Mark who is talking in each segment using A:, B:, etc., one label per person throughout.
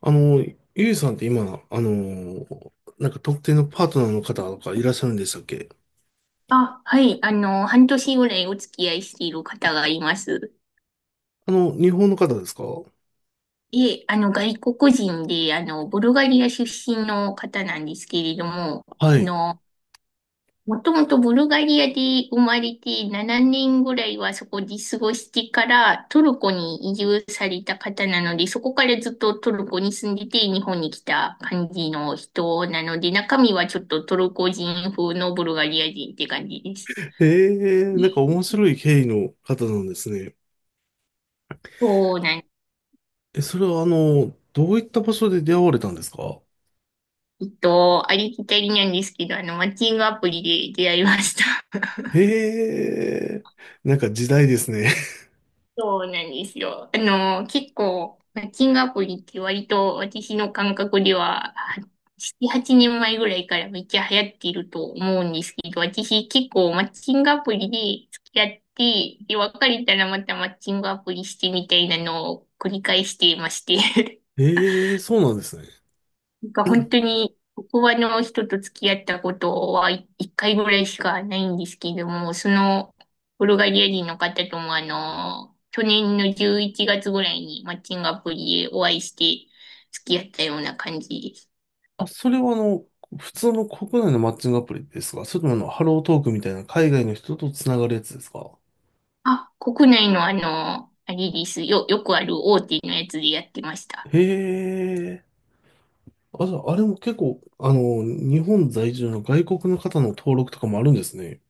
A: あの、ゆいさんって今、あの、特定のパートナーの方とかいらっしゃるんでしたっけ？
B: あ、はい。半年ぐらいお付き合いしている方がいます。
A: 日本の方ですか？は
B: で、外国人で、ブルガリア出身の方なんですけれども、あ
A: い。
B: の、もともとブルガリアで生まれて7年ぐらいはそこで過ごしてからトルコに移住された方なので、そこからずっとトルコに住んでて日本に来た感じの人なので、中身はちょっとトルコ人風のブルガリア人って感じです。
A: ええ、面白い経緯の方なんですね。
B: そうなん。
A: え、それはどういった場所で出会われたんですか？
B: ありきたりなんですけど、マッチングアプリで出会いました。
A: ええ、時代ですね。
B: そうなんですよ。結構、マッチングアプリって割と私の感覚では、7、8年前ぐらいからめっちゃ流行っていると思うんですけど、私結構マッチングアプリで付き合って、で、別れたらまたマッチングアプリしてみたいなのを繰り返していまして。
A: ええ、そうなんですね。
B: なんか本当に、ここはの人と付き合ったことはい一回ぐらいしかないんですけども、その、ブルガリア人の方ともあの、去年の11月ぐらいにマッチングアプリでお会いして付き合ったような感じです。
A: あ、それは普通の国内のマッチングアプリですか？それともハロートークみたいな海外の人とつながるやつですか？
B: あ、国内のあれです。よくある大手のやつでやってました。
A: へえ。あ、じゃあ、あれも結構、日本在住の外国の方の登録とかもあるんですね。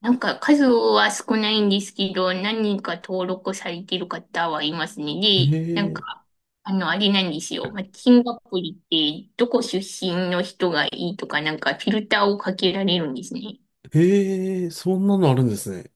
B: なんか数は少ないんですけど、何人か登録されてる方はいますね。
A: へ
B: で、なん
A: え、
B: か、あれなんですよ。マッチングアプリって、どこ出身の人がいいとか、なんかフィルターをかけられるんですね。
A: へえ、そんなのあるんですね。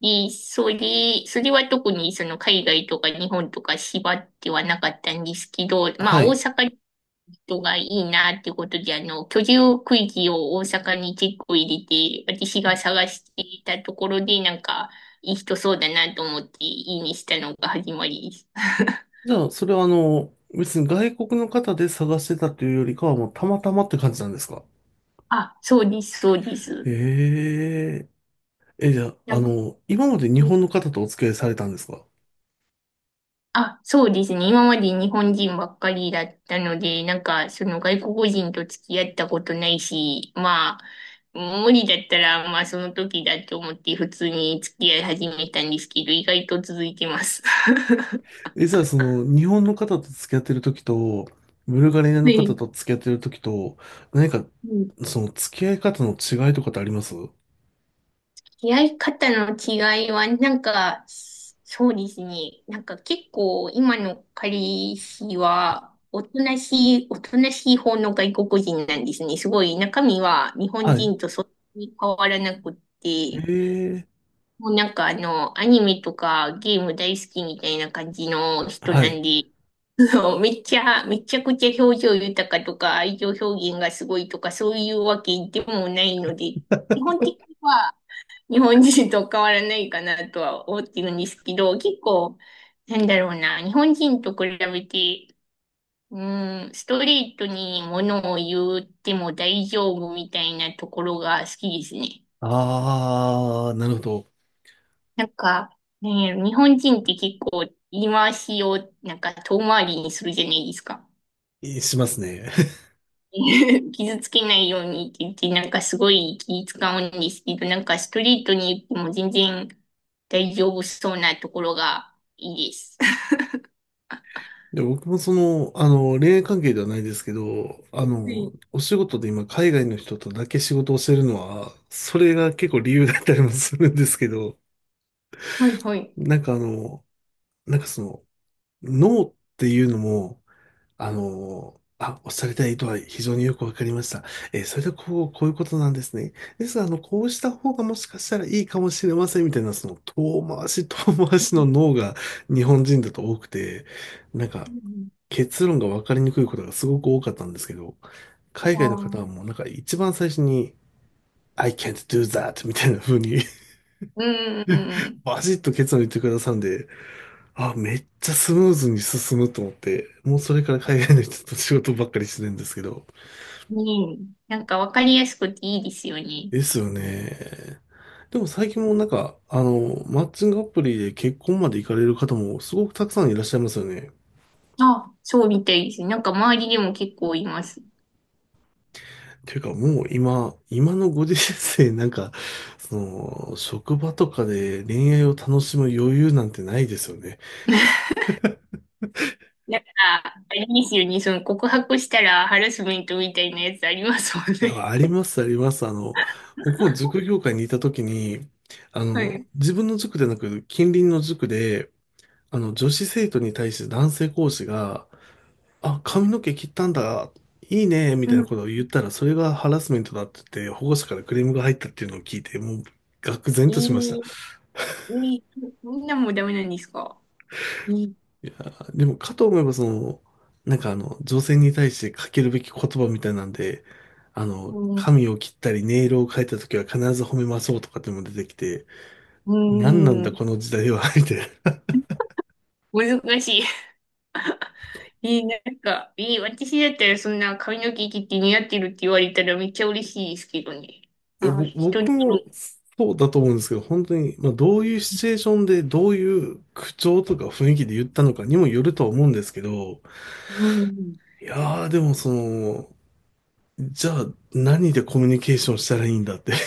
B: で、それは特にその海外とか日本とか縛ってはなかったんですけど、ま
A: は
B: あ大
A: い。
B: 阪人がいいなっていうことで、居住区域を大阪に結構入れて、私が探していたところで、なんか、いい人そうだなと思って、いいにしたのが始まりです。
A: じゃあ、それは別に外国の方で探してたというよりかは、もうたまたまって感じなんですか？
B: あ、そうです、そうです。
A: へえ、え、じゃあ、
B: なんか、
A: 今まで日本の方とお付き合いされたんですか？
B: あ、そうですね。今まで日本人ばっかりだったので、なんか、その外国人と付き合ったことないし、まあ、無理だったら、まあ、その時だと思って普通に付き合い始めたんですけど、意外と続いてます。
A: え、じゃあ、その、日本の方と付き合ってる時と、ブルガリア
B: は
A: の方
B: い。
A: と付き合ってる時と、何か、
B: うん。
A: その、付き合い方の違いとかってありますは
B: 出会い方の違いは、なんか、そうですね。なんか結構、今の彼氏は、おとなしい方の外国人なんですね。すごい、中身は日本
A: い。
B: 人とそんなに変わらなくっ
A: へ
B: て、
A: え、
B: もうなんかアニメとかゲーム大好きみたいな感じの人
A: は
B: な
A: い。
B: んで、そうめちゃくちゃ表情豊かとか、愛情表現がすごいとか、そういうわけでもないので、基本的には、日本人と変わらないかなとは思ってるんですけど、結構、なんだろうな、日本人と比べて、うん、ストレートに物を言っても大丈夫みたいなところが好きですね。
A: ああ、なるほど。
B: なんか、なんやろ日本人って結構言い回しをなんか遠回りにするじゃないですか。
A: え、しますね。
B: 傷つけないようにって言って、なんかすごい気使うんですけど、なんかストレートに言っても全然大丈夫そうなところがいいです。
A: で、僕もその、恋愛関係ではないですけど、
B: はい、
A: お仕事で今海外の人とだけ仕事をしてるのは、それが結構理由だったりもするんですけど、
B: はい、はい。
A: なんかあの、なんかその、ノーっていうのも、おっしゃりたい意図は非常によくわかりました。それでこう、こういうことなんですね。ですが、こうした方がもしかしたらいいかもしれませんみたいな、その遠回し遠回
B: う
A: しの
B: ん、
A: 脳が日本人だと多くて、なんか
B: うん、
A: 結論がわかりにくいことがすごく多かったんですけど、海
B: あ
A: 外の
B: ー、
A: 方はもう一番最初に、I can't do that みたいな風に、
B: うん、うん、う ん。
A: バシッと結論言ってくださるんで、あ、めっちゃスムーズに進むと思って、もうそれから海外の人と仕事ばっかりしてるんですけど、
B: うん、なんかわかりやすくていいですよね。
A: ですよね。でも最近もマッチングアプリで結婚まで行かれる方もすごくたくさんいらっしゃいますよね。
B: あ、そうみたいですね。なんか周りでも結構います。
A: ていうかもう今のご時世その、職場とかで恋愛を楽しむ余裕なんてないですよね。
B: なんから、あれですよね。その告白したらハラスメントみたいなやつありますもん
A: だか
B: ね。
A: らあります。僕も塾業界にいた時に、
B: はい。
A: 自分の塾でなく近隣の塾で、女子生徒に対して男性講師が、あ、髪の毛切ったんだ、いいね、み
B: う
A: たいな
B: ん。
A: ことを言ったら、それがハラスメントだって言って、保護者からクレームが入ったっていうのを聞いて、もう、愕然と
B: い
A: しました。
B: い、いい、みんなもダメなんですか？いい。
A: でも、かと思えば、その、女性に対してかけるべき言葉みたいなんで、
B: うん。
A: 髪を切ったり、ネイルを変えた時は必ず褒めましょうとかっていうのも出てきて、
B: う
A: 何なんだ
B: ん。
A: この時代は、みたいな。い
B: 難しい。いい、なんか、いい、私だったらそんな髪の毛切って似合ってるって言われたらめっちゃ嬉しいですけどね。
A: や、
B: あー、人
A: 僕
B: に、
A: もそうだと思うんですけど、本当に、まあ、どういうシチュエーションで、どういう口調とか雰囲気で言ったのかにもよるとは思うんですけど、
B: うん。
A: いやー、でもその、じゃあ何でコミュニケーションしたらいいんだって。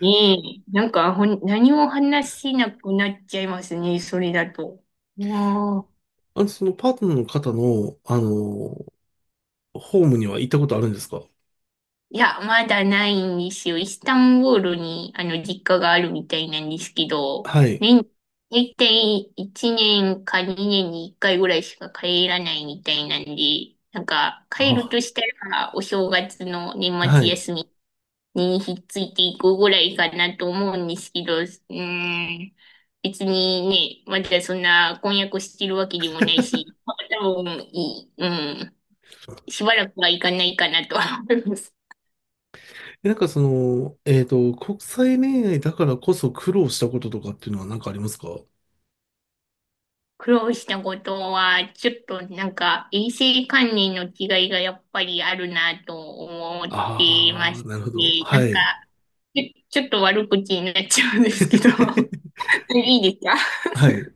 B: ねえ、なんかほん、何も話せなくなっちゃいますね、それだと。うん。
A: そのパートナーの方の、ホームには行ったことあるんですか？
B: いや、まだないんですよ。イスタンブールに、実家があるみたいなんですけど、
A: はい。
B: 年、大体1年か2年に1回ぐらいしか帰らないみたいなんで、なんか、帰る
A: あ、
B: としたら、お正月の年
A: は
B: 末
A: い。
B: 休みにひっついていくぐらいかなと思うんですけど、うーん、別にね、まだそんな婚約してるわけでもないし、まあ多分いい、うん、しばらくはいかないかなとは思います。
A: え、国際恋愛だからこそ苦労したこととかっていうのは何かありますか？
B: 苦労したことは、ちょっとなんか、衛生管理の違いがやっぱりあるなと思ってい
A: あ
B: ま
A: あ
B: し
A: ー、なるほど。
B: て、な
A: は
B: んか、
A: い。
B: ちょっと悪口になっちゃうんですけど、いいですか？
A: はい。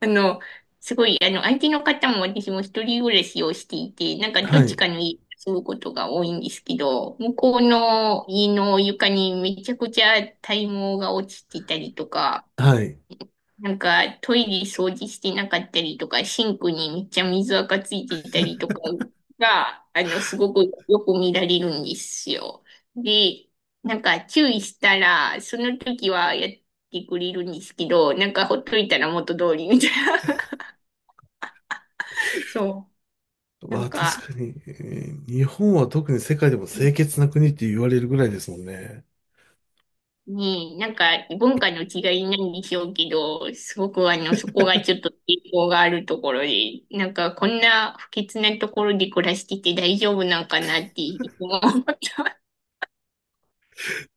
B: あの、すごい、相手の方も私も一人暮らしをしていて、なんかど
A: は
B: っち
A: い。
B: かの家に住むことが多いんですけど、向こうの家の床にめちゃくちゃ体毛が落ちてたりとか、
A: はい。
B: なんかトイレ掃除してなかったりとか、シンクにめっちゃ水垢ついていたりとかが、すごくよく見られるんですよ。で、なんか注意したら、その時はやってくれるんですけど、なんかほっといたら元通りみたいな。そう。な
A: わ
B: ん
A: あ、確
B: か、
A: かに、えー、日本は特に世界でも清潔な国って言われるぐらいですもんね。
B: ねえ、なんか文化の違いなんでしょうけど、すごくそこがちょっと抵抗があるところで、なんかこんな不潔なところで暮らしてて大丈夫なんかなっていつも思った。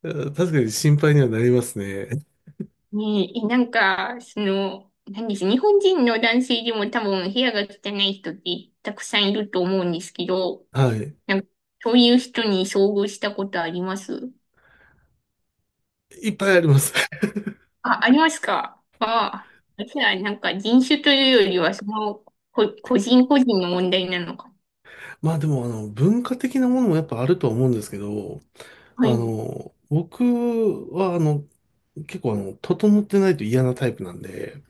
A: 確かに心配にはなりますね。
B: ねえ、なんか、その、なんです、日本人の男性でも多分部屋が汚い人ってたくさんいると思うんですけど、
A: はい。
B: なんかそういう人に遭遇したことあります？
A: いっぱいあります。
B: あ、ありますか？あ、あじゃあなんか人種というよりは、その、個人個人の問題なのか。
A: まあでも、文化的なものもやっぱあるとは思うんですけど、
B: はい。
A: 僕は、結構、整ってないと嫌なタイプなんで、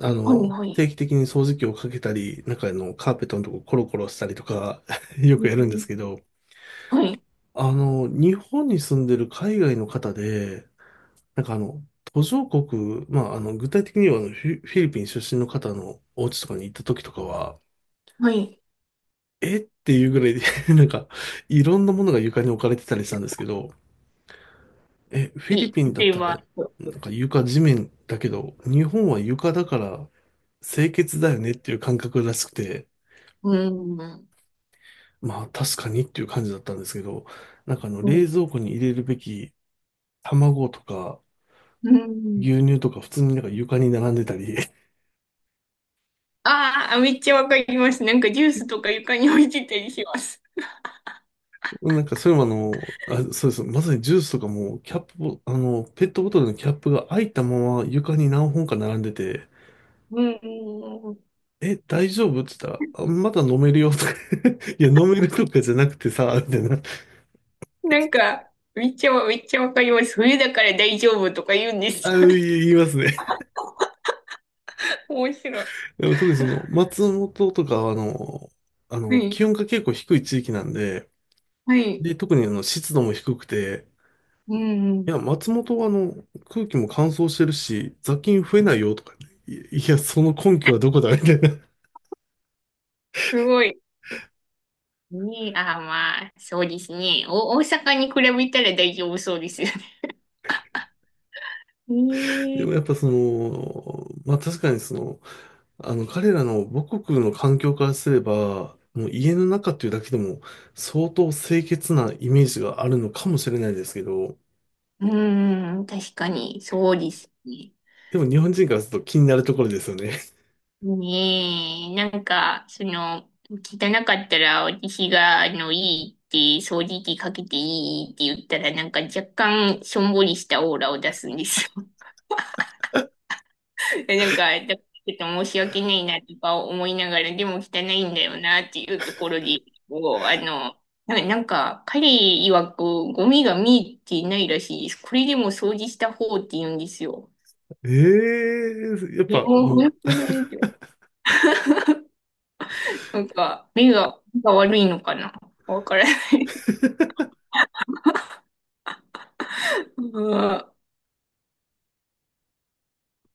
B: はい、はい。
A: 定期的に掃除機をかけたり、中のカーペットのとこコロコロしたりとか、 よ
B: う
A: くやるんです
B: ん、
A: けど、
B: はい、
A: 日本に住んでる海外の方で、なんかあの、途上国、まあ、具体的にはあのフィリピン出身の方のお家とかに行った時とかは、
B: はい。
A: えっていうぐらいで、 なんか、いろんなものが床に置かれてたりしたんですけど、え、フィリ
B: い
A: ピン
B: い。
A: だっ
B: 例え
A: たら、
B: ば、
A: 床地面だけど、日本は床だから清潔だよねっていう感覚らしくて、
B: うん、は
A: まあ確かにっていう感じだったんですけど、冷
B: い、
A: 蔵庫に入れるべき卵とか
B: うん。
A: 牛乳とか普通に床に並んでたり、
B: ああ、めっちゃわかります。なんかジュースとか床に置いてたりします。
A: なんかそれもあの、あ、そうです。まさにジュースとかもキャップを、ペットボトルのキャップが開いたまま床に何本か並んでて、
B: うん、
A: え、大丈夫？って言ったら、あ、まだ飲めるよとか。 いや、飲めるとかじゃなくてさ、みたいな。
B: なんか、めっちゃわかります。冬だから大丈夫とか言うんです
A: あ、
B: よね。
A: 言いますね。
B: 面白い。
A: でも特にその、松本とかは、
B: は
A: 気
B: い、
A: 温が結構低い地域なんで、
B: はい。
A: で、特に湿度も低くて、
B: うん。
A: いや、松本は空気も乾燥してるし、雑菌増えないよとかね、いいや、その根拠はどこだみたいな。
B: すごい。ねえ、ああ、まあ、そうですね。お、大阪に比べたら大丈夫そうですよね。ね
A: でもやっ
B: え。
A: ぱその、まあ確かにその、彼らの母国の環境からすれば、もう家の中っていうだけでも相当清潔なイメージがあるのかもしれないですけど、
B: うーん、確かに、そうですね。
A: でも日本人からすると気になるところですよね。
B: ねえ、なんか、その、汚かったら私が、いいって、掃除機かけていいって言ったら、なんか若干、しょんぼりしたオーラを出すんですよ。なんか、だからちょっと申し訳ないなとか思いながら、でも汚いんだよなっていうところで、こう、なんか、彼曰くゴミが見えていないらしいです。これでも掃除した方って言うんですよ。
A: ええ、やっ
B: いや、
A: ぱ
B: もう
A: もう
B: 本当ないよ。なんか、目が、目が悪いのかなわからない。うん